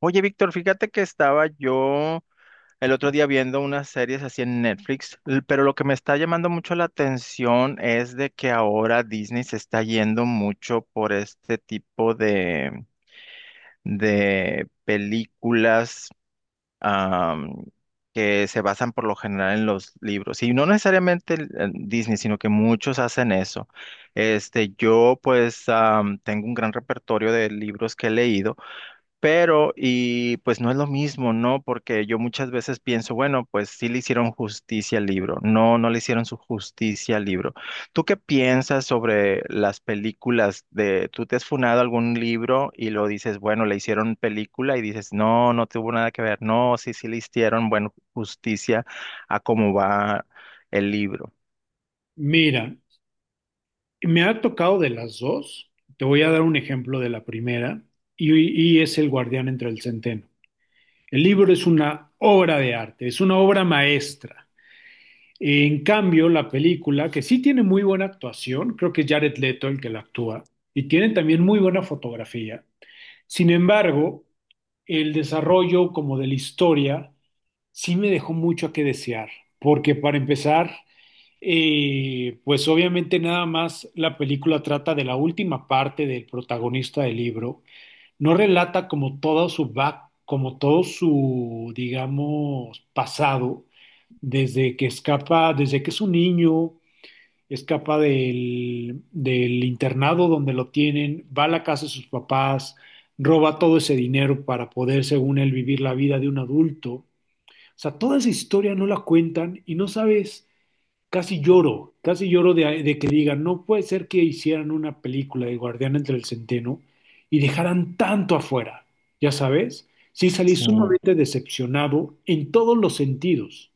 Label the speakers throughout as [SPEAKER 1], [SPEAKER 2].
[SPEAKER 1] Oye, Víctor, fíjate que estaba yo el otro día viendo unas series así en Netflix, pero lo que me está llamando mucho la atención es de que ahora Disney se está yendo mucho por este tipo de películas am, que se basan por lo general en los libros. Y no necesariamente en Disney, sino que muchos hacen eso. Este, yo pues tengo un gran repertorio de libros que he leído. Pero, y pues no es lo mismo, ¿no? Porque yo muchas veces pienso, bueno, pues sí le hicieron justicia al libro. No, no le hicieron su justicia al libro. ¿Tú qué piensas sobre las películas de, tú te has funado algún libro y lo dices, bueno, le hicieron película y dices, no, no tuvo nada que ver? No, sí, sí le hicieron, bueno, justicia a cómo va el libro.
[SPEAKER 2] Mira, me ha tocado de las dos. Te voy a dar un ejemplo de la primera y es El guardián entre el centeno. El libro es una obra de arte, es una obra maestra. En cambio, la película, que sí tiene muy buena actuación, creo que es Jared Leto el que la actúa, y tiene también muy buena fotografía. Sin embargo, el desarrollo como de la historia sí me dejó mucho a que desear, porque para empezar, y pues obviamente nada más la película trata de la última parte del protagonista del libro. No relata como todo su back, como todo su, digamos, pasado, desde que escapa, desde que es un niño, escapa del internado donde lo tienen, va a la casa de sus papás, roba todo ese dinero para poder, según él, vivir la vida de un adulto. O sea, toda esa historia no la cuentan y no sabes, casi lloro de que digan, no puede ser que hicieran una película de Guardián entre el Centeno y dejaran tanto afuera, ya sabes. Sí salí
[SPEAKER 1] Sí.
[SPEAKER 2] sumamente decepcionado en todos los sentidos,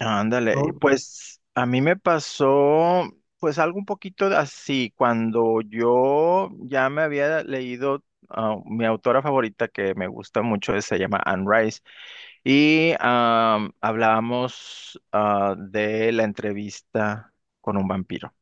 [SPEAKER 1] Ándale,
[SPEAKER 2] ¿no?
[SPEAKER 1] pues a mí me pasó pues algo un poquito de así, cuando yo ya me había leído mi autora favorita que me gusta mucho, se llama Anne Rice, y hablábamos de la entrevista con un vampiro.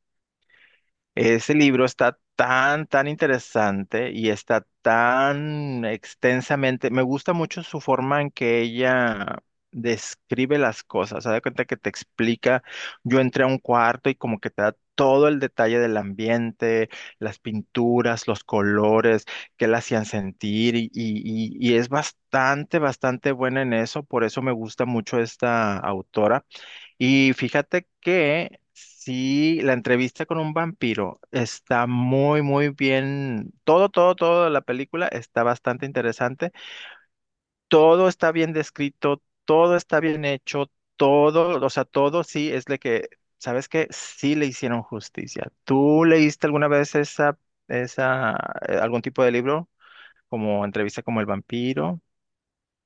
[SPEAKER 1] Ese libro está tan, tan interesante y está tan extensamente. Me gusta mucho su forma en que ella describe las cosas. Se da cuenta que te explica. Yo entré a un cuarto y como que te da todo el detalle del ambiente, las pinturas, los colores, qué la hacían sentir y es bastante, bastante buena en eso. Por eso me gusta mucho esta autora. Y fíjate que sí, la entrevista con un vampiro está muy, muy bien. Todo, todo, todo de la película está bastante interesante. Todo está bien descrito, todo está bien hecho, todo, o sea, todo sí es de que, ¿sabes qué? Sí le hicieron justicia. ¿Tú leíste alguna vez esa, esa, algún tipo de libro como entrevista como el vampiro?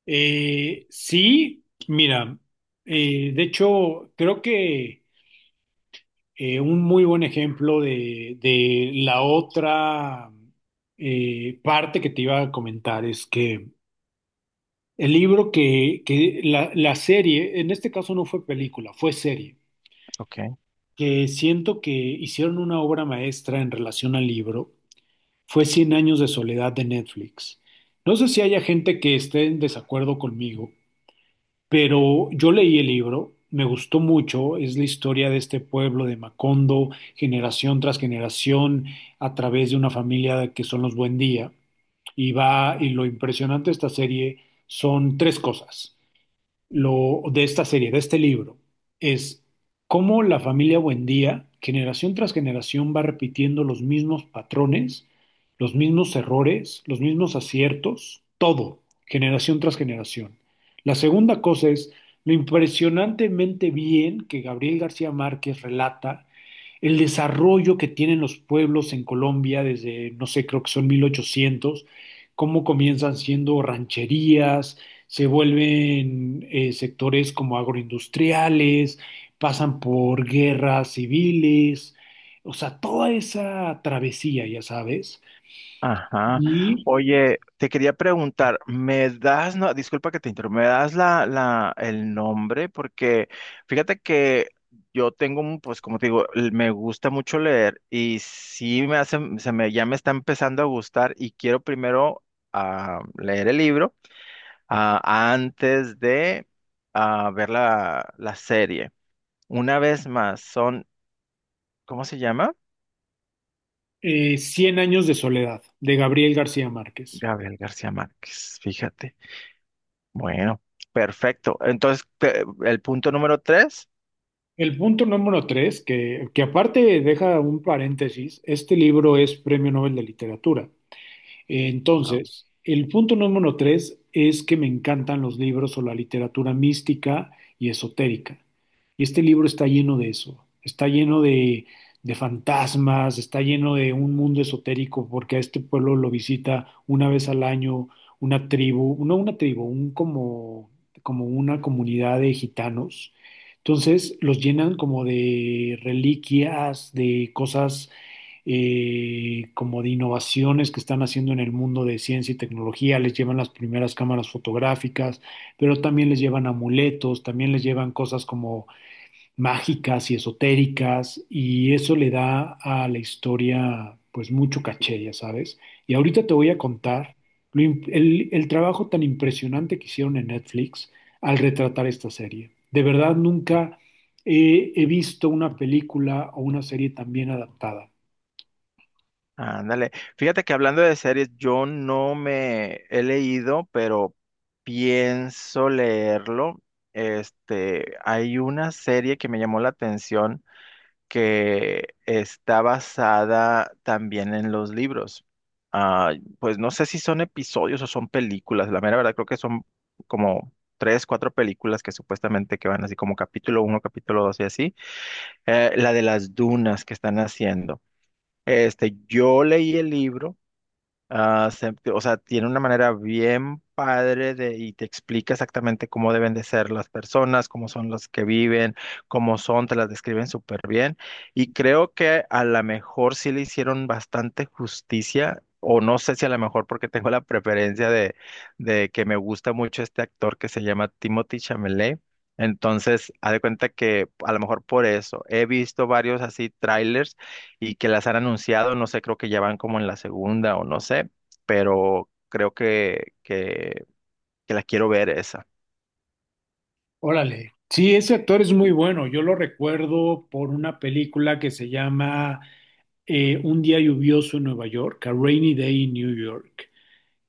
[SPEAKER 2] Sí, mira, de hecho, creo que un muy buen ejemplo de la otra parte que te iba a comentar es que el libro que la serie, en este caso no fue película, fue serie,
[SPEAKER 1] Ok.
[SPEAKER 2] que siento que hicieron una obra maestra en relación al libro, fue Cien años de soledad de Netflix. No sé si haya gente que esté en desacuerdo conmigo, pero yo leí el libro, me gustó mucho, es la historia de este pueblo de Macondo, generación tras generación, a través de una familia que son los Buendía, y va, y lo impresionante de esta serie son tres cosas, lo de esta serie, de este libro, es cómo la familia Buendía, generación tras generación, va repitiendo los mismos patrones, los mismos errores, los mismos aciertos, todo, generación tras generación. La segunda cosa es lo impresionantemente bien que Gabriel García Márquez relata el desarrollo que tienen los pueblos en Colombia desde, no sé, creo que son 1800, cómo comienzan siendo rancherías, se vuelven sectores como agroindustriales, pasan por guerras civiles, o sea, toda esa travesía, ya sabes,
[SPEAKER 1] Ajá.
[SPEAKER 2] y
[SPEAKER 1] Oye, te quería preguntar, ¿me das, no, disculpa que te interrumpa, ¿me das el nombre? Porque fíjate que yo tengo, un, pues como te digo, me gusta mucho leer y sí me hace, se me, ya me está empezando a gustar y quiero primero leer el libro. ah, Antes de ver la serie. Una vez más, son, ¿cómo se llama?
[SPEAKER 2] Cien años de soledad, de Gabriel García Márquez.
[SPEAKER 1] Gabriel García Márquez, fíjate. Bueno, perfecto. Entonces, el punto número tres.
[SPEAKER 2] El punto número tres, que aparte deja un paréntesis, este libro es Premio Nobel de Literatura.
[SPEAKER 1] Wow.
[SPEAKER 2] Entonces, el punto número tres es que me encantan los libros o la literatura mística y esotérica. Y este libro está lleno de eso, está lleno de fantasmas, está lleno de un mundo esotérico, porque a este pueblo lo visita una vez al año una tribu, no una tribu, un como, como una comunidad de gitanos. Entonces los llenan como de reliquias, de cosas, como de innovaciones que están haciendo en el mundo de ciencia y tecnología, les llevan las primeras cámaras fotográficas, pero también les llevan amuletos, también les llevan cosas como mágicas y esotéricas, y eso le da a la historia pues mucho caché, ya sabes. Y ahorita te voy a contar el trabajo tan impresionante que hicieron en Netflix al retratar esta serie. De verdad, nunca he visto una película o una serie tan bien adaptada.
[SPEAKER 1] Ándale. Fíjate que hablando de series, yo no me he leído, pero pienso leerlo. Este, hay una serie que me llamó la atención que está basada también en los libros. Ah, pues no sé si son episodios o son películas. La mera verdad creo que son como tres, cuatro películas que supuestamente que van así como capítulo uno, capítulo dos y así. La de las dunas que están haciendo. Este, yo leí el libro. O sea, tiene una manera bien padre de, y te explica exactamente cómo deben de ser las personas, cómo son las que viven, cómo son, te las describen súper bien. Y creo que a lo mejor sí le hicieron bastante justicia, o no sé si a lo mejor porque tengo la preferencia de que me gusta mucho este actor que se llama Timothy Chalamet. Entonces, haz de cuenta que a lo mejor por eso he visto varios así trailers y que las han anunciado, no sé, creo que ya van como en la segunda o no sé, pero creo que la quiero ver esa.
[SPEAKER 2] Órale. Sí, ese actor es muy bueno. Yo lo recuerdo por una película que se llama Un día lluvioso en Nueva York, A Rainy Day in New York,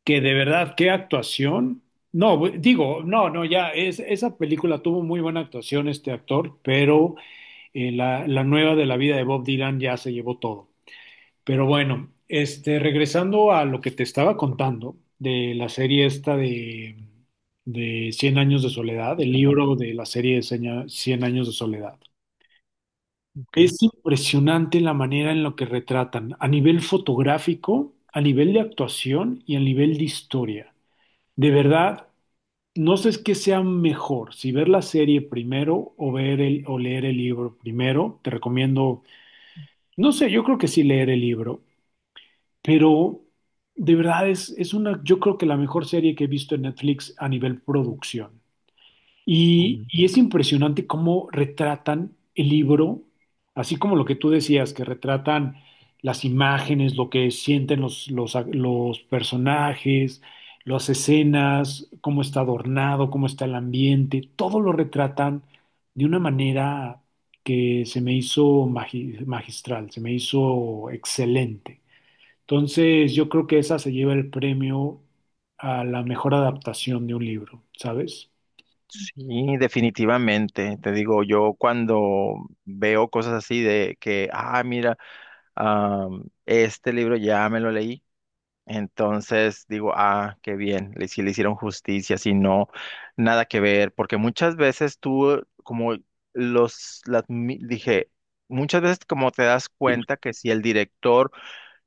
[SPEAKER 2] que de verdad, qué actuación. No, digo, no, no, ya, esa película tuvo muy buena actuación este actor, pero la nueva de la vida de Bob Dylan ya se llevó todo. Pero bueno, este, regresando a lo que te estaba contando de la serie esta de 100 años de soledad, el
[SPEAKER 1] ¿Verdad?
[SPEAKER 2] libro de la serie de 100 años de soledad.
[SPEAKER 1] Ok.
[SPEAKER 2] Es impresionante la manera en la que retratan, a nivel fotográfico, a nivel de actuación y a nivel de historia. De verdad, no sé es qué sea mejor, si ver la serie primero o o leer el libro primero. Te recomiendo, no sé, yo creo que sí leer el libro. Pero de verdad es, una, yo creo que la mejor serie que he visto en Netflix a nivel producción. Y
[SPEAKER 1] Mm.
[SPEAKER 2] es impresionante cómo retratan el libro, así como lo que tú decías, que retratan las imágenes, lo que sienten los personajes, las escenas, cómo está adornado, cómo está el ambiente, todo lo retratan de una manera que se me hizo magistral, se me hizo excelente. Entonces, yo creo que esa se lleva el premio a la mejor adaptación de un libro, ¿sabes?
[SPEAKER 1] Sí, definitivamente. Te digo, yo cuando veo cosas así de que, ah, mira, ah, este libro ya me lo leí. Entonces digo, ah, qué bien, si le hicieron justicia, si no, nada que ver, porque muchas veces tú, como los, las, dije, muchas veces como te das cuenta que si el director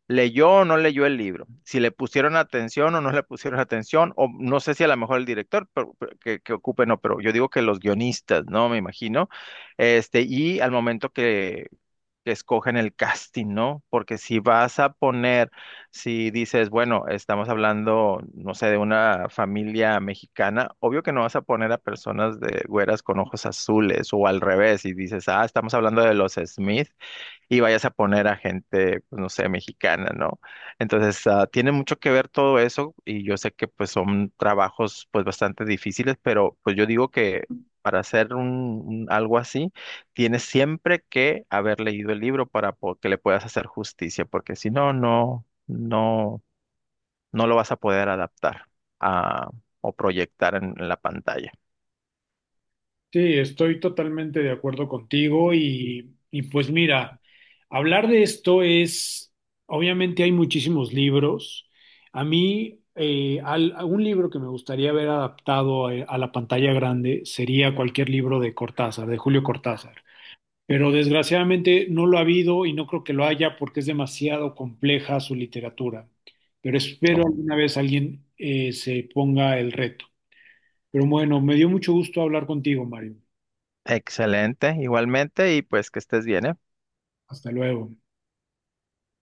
[SPEAKER 1] leyó o no leyó el libro, si le pusieron atención o no le pusieron atención, o no sé si a lo mejor el director pero que ocupe, no, pero yo digo que los guionistas, ¿no? Me imagino, este, y al momento que escogen el casting, ¿no? Porque si vas a poner, si dices, bueno, estamos hablando, no sé, de una familia mexicana, obvio que no vas a poner a personas de güeras con ojos azules o al revés y dices, ah, estamos hablando de los Smith, y vayas a poner a gente, pues no sé, mexicana, ¿no? Entonces, ah, tiene mucho que ver todo eso y yo sé que pues son trabajos pues bastante difíciles, pero pues yo digo que para hacer un, algo así, tienes siempre que haber leído el libro para que le puedas hacer justicia, porque si no, no, no, no lo vas a poder adaptar a, o proyectar en la pantalla.
[SPEAKER 2] Sí, estoy totalmente de acuerdo contigo y pues mira, hablar de esto es, obviamente hay muchísimos libros. A mí, a un libro que me gustaría ver adaptado a la pantalla grande sería cualquier libro de Cortázar, de Julio Cortázar. Pero desgraciadamente no lo ha habido y no creo que lo haya porque es demasiado compleja su literatura. Pero espero
[SPEAKER 1] Oh,
[SPEAKER 2] alguna vez alguien se ponga el reto. Pero bueno, me dio mucho gusto hablar contigo, Mario.
[SPEAKER 1] excelente, igualmente, y pues que estés bien, ¿eh?
[SPEAKER 2] Hasta luego.